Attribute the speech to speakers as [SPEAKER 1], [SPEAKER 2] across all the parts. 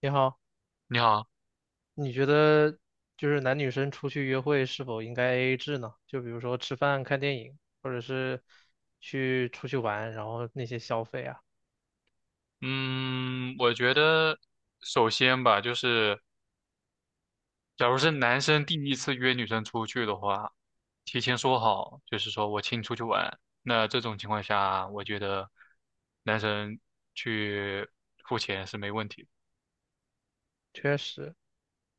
[SPEAKER 1] 你好，
[SPEAKER 2] 你好，
[SPEAKER 1] 你觉得就是男女生出去约会是否应该 AA 制呢？就比如说吃饭、看电影，或者是出去玩，然后那些消费啊，
[SPEAKER 2] 嗯，我觉得首先吧，就是假如是男生第一次约女生出去的话，提前说好，就是说我请你出去玩。那这种情况下，我觉得男生去付钱是没问题的。
[SPEAKER 1] 确实，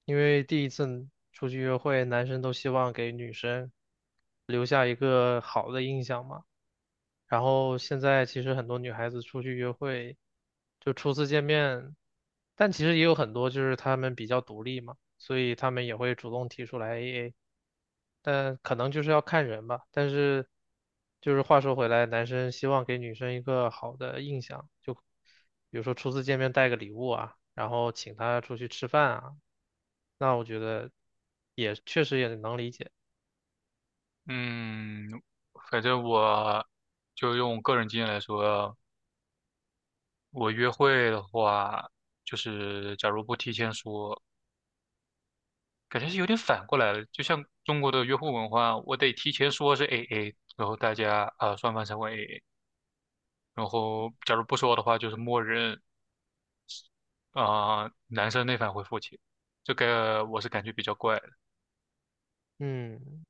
[SPEAKER 1] 因为第一次出去约会，男生都希望给女生留下一个好的印象嘛。然后现在其实很多女孩子出去约会，就初次见面，但其实也有很多就是她们比较独立嘛，所以她们也会主动提出来 AA。但可能就是要看人吧。但是，就是话说回来，男生希望给女生一个好的印象，就比如说初次见面带个礼物啊，然后请她出去吃饭啊，那我觉得也确实也能理解。
[SPEAKER 2] 嗯，反正我就用个人经验来说，我约会的话，就是假如不提前说。感觉是有点反过来了，就像中国的约会文化，我得提前说是 AA，然后大家啊双方才会 AA，然后假如不说的话，就是默认啊男生那方会付钱，这个我是感觉比较怪的。
[SPEAKER 1] 嗯，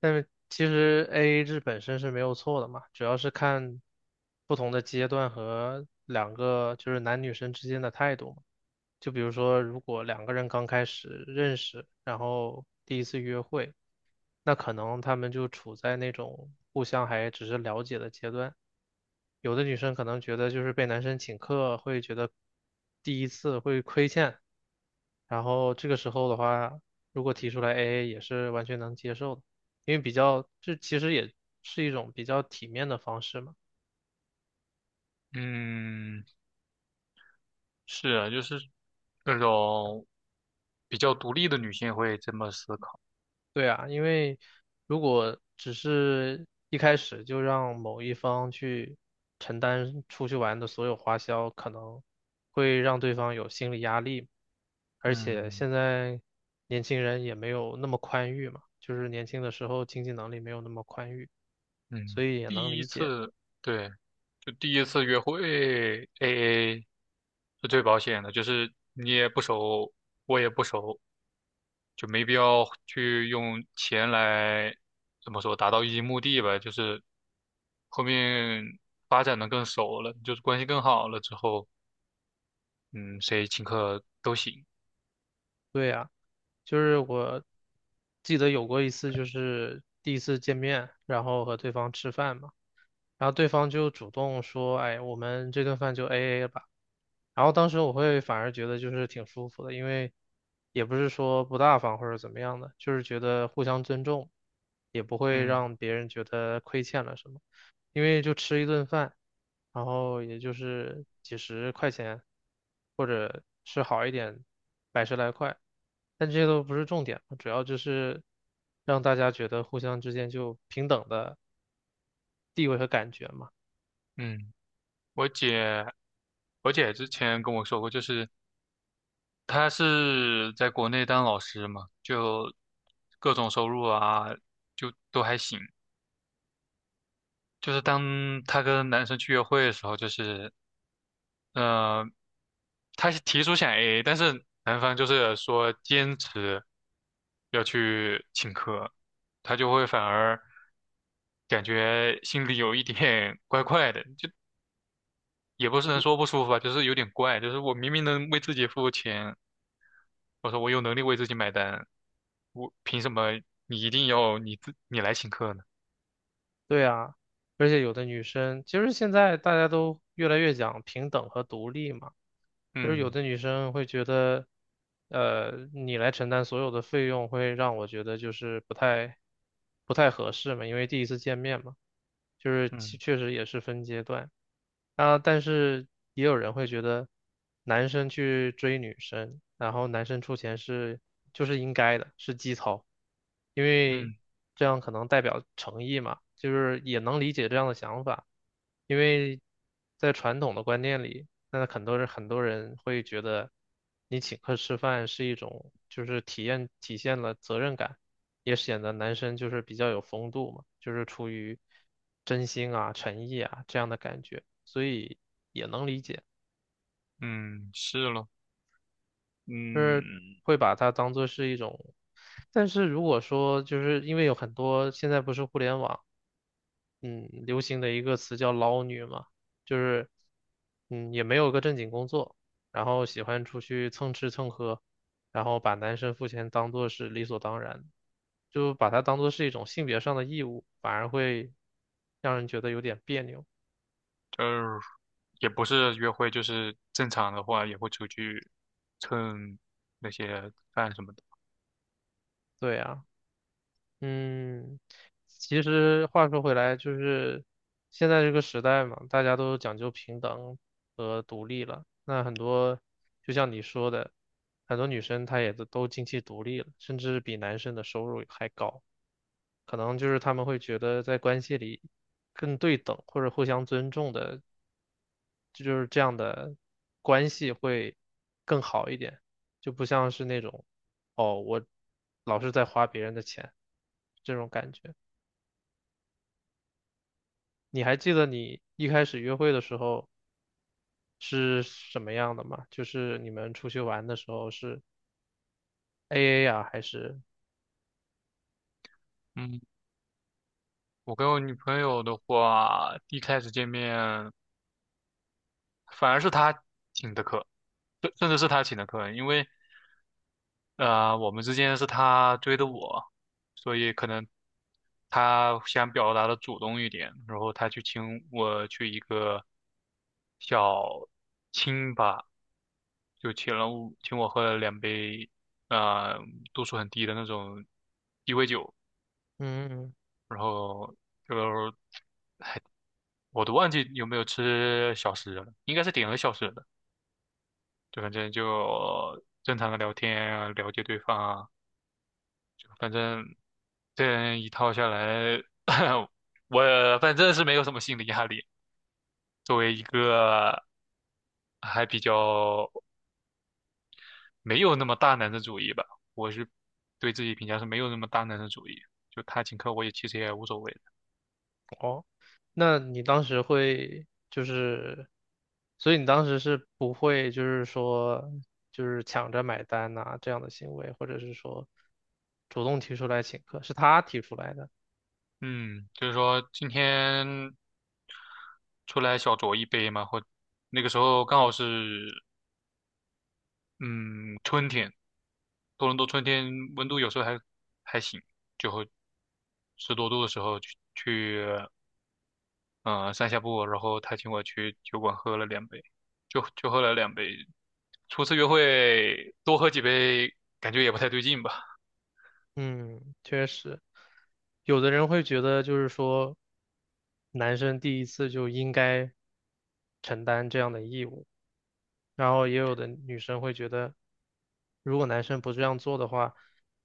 [SPEAKER 1] 但是其实 AA 制本身是没有错的嘛，主要是看不同的阶段和两个就是男女生之间的态度嘛。就比如说，如果两个人刚开始认识，然后第一次约会，那可能他们就处在那种互相还只是了解的阶段。有的女生可能觉得就是被男生请客会觉得第一次会亏欠，然后这个时候的话，如果提出来 AA 也是完全能接受的，因为比较，这其实也是一种比较体面的方式嘛。
[SPEAKER 2] 嗯，是啊，就是那种比较独立的女性会这么思考。
[SPEAKER 1] 对啊，因为如果只是一开始就让某一方去承担出去玩的所有花销，可能会让对方有心理压力。而且
[SPEAKER 2] 嗯
[SPEAKER 1] 现在年轻人也没有那么宽裕嘛，就是年轻的时候经济能力没有那么宽裕，所
[SPEAKER 2] 嗯，
[SPEAKER 1] 以也能
[SPEAKER 2] 第一
[SPEAKER 1] 理解。
[SPEAKER 2] 次对，就第一次约会 AA 是最保险的，就是你也不熟，我也不熟。就没必要去用钱来怎么说达到一些目的吧，就是后面发展的更熟了，就是关系更好了之后，嗯，谁请客都行。
[SPEAKER 1] 对啊。就是我记得有过一次，就是第一次见面，然后和对方吃饭嘛。然后对方就主动说，哎，我们这顿饭就 AA 吧。然后当时我会反而觉得就是挺舒服的，因为也不是说不大方或者怎么样的，就是觉得互相尊重，也不会
[SPEAKER 2] 嗯
[SPEAKER 1] 让别人觉得亏欠了什么。因为就吃一顿饭，然后也就是几十块钱，或者吃好一点，百十来块，但这些都不是重点嘛。主要就是让大家觉得互相之间就平等的地位和感觉嘛。
[SPEAKER 2] 嗯，我姐，我姐之前跟我说过，就是她是在国内当老师嘛，就各种收入啊，就都还行。就是当她跟男生去约会的时候，就是呃，他是提出想 AA，但是男方就是说坚持要去请客，他就会反而感觉心里有一点 怪怪的，就也不是能说不舒服吧，就是有点怪，就是我明明能为自己付钱，我说我有能力为自己买单，我凭什么你一定要你来请客呢？
[SPEAKER 1] 对啊，而且有的女生，其实现在大家都越来越讲平等和独立嘛。就是有
[SPEAKER 2] 嗯
[SPEAKER 1] 的女生会觉得，你来承担所有的费用，会让我觉得就是不太合适嘛，因为第一次见面嘛，就是其
[SPEAKER 2] 嗯
[SPEAKER 1] 确实也是分阶段。啊，但是也有人会觉得，男生去追女生，然后男生出钱是就是应该的，是基操，因为
[SPEAKER 2] 嗯
[SPEAKER 1] 这样可能代表诚意嘛，就是也能理解这样的想法，因为在传统的观念里。那很多人会觉得，你请客吃饭是一种，就是体现了责任感，也显得男生就是比较有风度嘛，就是出于真心啊、诚意啊这样的感觉，所以也能理解，
[SPEAKER 2] 嗯，是咯，
[SPEAKER 1] 就是
[SPEAKER 2] 嗯。
[SPEAKER 1] 会把它当做是一种。但是如果说就是因为有很多现在不是互联网。嗯流行的一个词叫"捞女"嘛，就是也没有个正经工作，然后喜欢出去蹭吃蹭喝，然后把男生付钱当做是理所当然的，就把它当做是一种性别上的义务，反而会让人觉得有点别扭。
[SPEAKER 2] 呃，也不是约会，就是正常的话也会出去蹭那些饭什么的。
[SPEAKER 1] 对啊。嗯，其实话说回来，就是现在这个时代嘛，大家都讲究平等和独立了。那很多，就像你说的，很多女生她也都经济独立了，甚至比男生的收入还高。可能就是他们会觉得在关系里更对等或者互相尊重的，这就是这样的关系会更好一点，就不像是那种，哦，我老是在花别人的钱这种感觉。你还记得你一开始约会的时候是什么样的吗？就是你们出去玩的时候是 AA 啊，还是
[SPEAKER 2] 嗯，我跟我女朋友的话，一开始见面反而是她请的客，甚至是她请的客，因为我们之间是她追的我，所以可能她想表达的主动一点，然后她去请我去一个小清吧。就请我喝了两杯，啊，度数很低的那种鸡尾酒，
[SPEAKER 1] 嗯
[SPEAKER 2] 然后就我都忘记有没有吃小食了，应该是点了小食的，就反正就正常的聊天啊，了解对方啊，就反正这样一套下来，我反正是没有什么心理压力。作为一个还比较没有那么大男子主义吧，我是对自己评价是没有那么大男子主义，就他请客我也其实也无所谓的。
[SPEAKER 1] 哦？那你当时会就是，所以你当时是不会就是说就是抢着买单呐、这样的行为，或者是说主动提出来请客，是他提出来的。
[SPEAKER 2] 嗯，就是说今天出来小酌一杯嘛，或那个时候刚好是嗯春天，多伦多春天温度有时候还行，就会10多度的时候去散下步，然后他请我去酒馆喝了两杯，就喝了两杯。初次约会多喝几杯感觉也不太对劲吧，
[SPEAKER 1] 嗯，确实，有的人会觉得就是说，男生第一次就应该承担这样的义务，然后也有的女生会觉得，如果男生不这样做的话，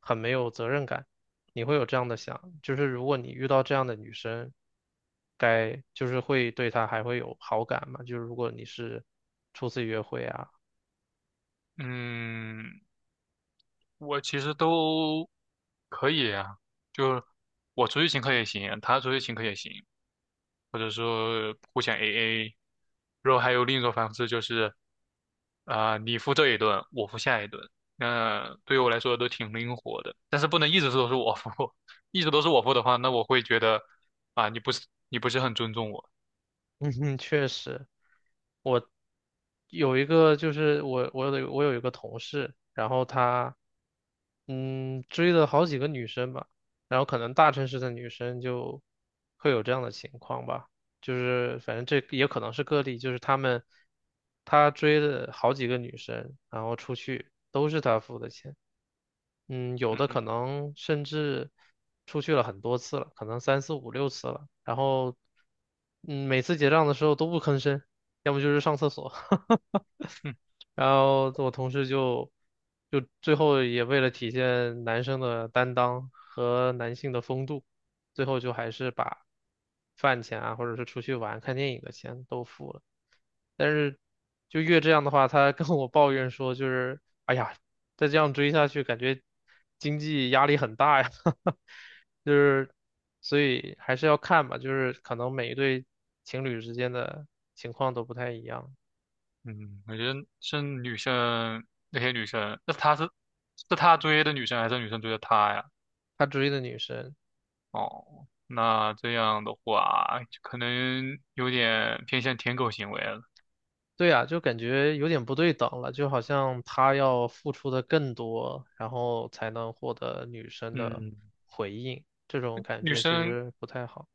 [SPEAKER 1] 很没有责任感。你会有这样的想，就是如果你遇到这样的女生，该就是会对她还会有好感嘛？就是如果你是初次约会啊，
[SPEAKER 2] 嗯。我其实都可以啊，就我出去请客也行，他出去请客也行，或者说互相 AA。然后还有另一种方式就是，啊、你付这一顿，我付下一顿。那对于我来说都挺灵活的，但是不能一直都是我付，一直都是我付的话，那我会觉得啊、你不是很尊重我。
[SPEAKER 1] 嗯哼，确实。我有一个就是我有一个同事，然后他追了好几个女生吧，然后可能大城市的女生就会有这样的情况吧，就是反正这也可能是个例，就是他追了好几个女生，然后出去都是他付的钱。嗯，有的可能甚至出去了很多次了，可能三四五六次了，然后每次结账的时候都不吭声，要么就是上厕所。
[SPEAKER 2] 嗯
[SPEAKER 1] 然后我同事就最后也为了体现男生的担当和男性的风度，最后就还是把饭钱啊，或者是出去玩看电影的钱都付了。但是就越这样的话，他跟我抱怨说，就是哎呀，再这样追下去，感觉经济压力很大呀，就是所以还是要看吧，就是可能每一对情侣之间的情况都不太一样。
[SPEAKER 2] 嗯，我觉得是女生那些女生，那她是她追的女生还是女生追的她呀？
[SPEAKER 1] 他追的女生。
[SPEAKER 2] 哦，那这样的话，可能有点偏向舔狗行为了。
[SPEAKER 1] 对呀，就感觉有点不对等了，就好像他要付出的更多，然后才能获得女生的
[SPEAKER 2] 嗯，
[SPEAKER 1] 回应，这种感
[SPEAKER 2] 女
[SPEAKER 1] 觉其
[SPEAKER 2] 生
[SPEAKER 1] 实不太好。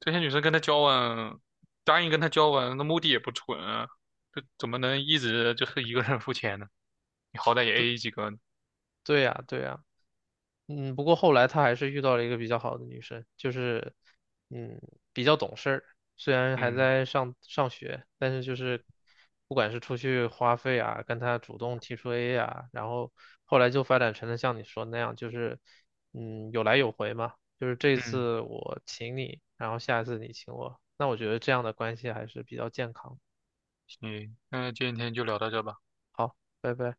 [SPEAKER 2] 这些女生跟他交往，答应跟他交往，那目的也不纯啊，这怎么能一直就是一个人付钱呢？你好歹也 AA 几个呢。
[SPEAKER 1] 对呀，对呀。嗯，不过后来他还是遇到了一个比较好的女生，就是，嗯，比较懂事儿。虽然还
[SPEAKER 2] 嗯
[SPEAKER 1] 在上学，但是就是不管是出去花费啊，跟他主动提出 A 啊，然后后来就发展成了像你说那样，就是嗯有来有回嘛，就是这
[SPEAKER 2] 嗯，
[SPEAKER 1] 次我请你，然后下一次你请我，那我觉得这样的关系还是比较健康。
[SPEAKER 2] 行，那今天就聊到这吧。
[SPEAKER 1] 好，拜拜。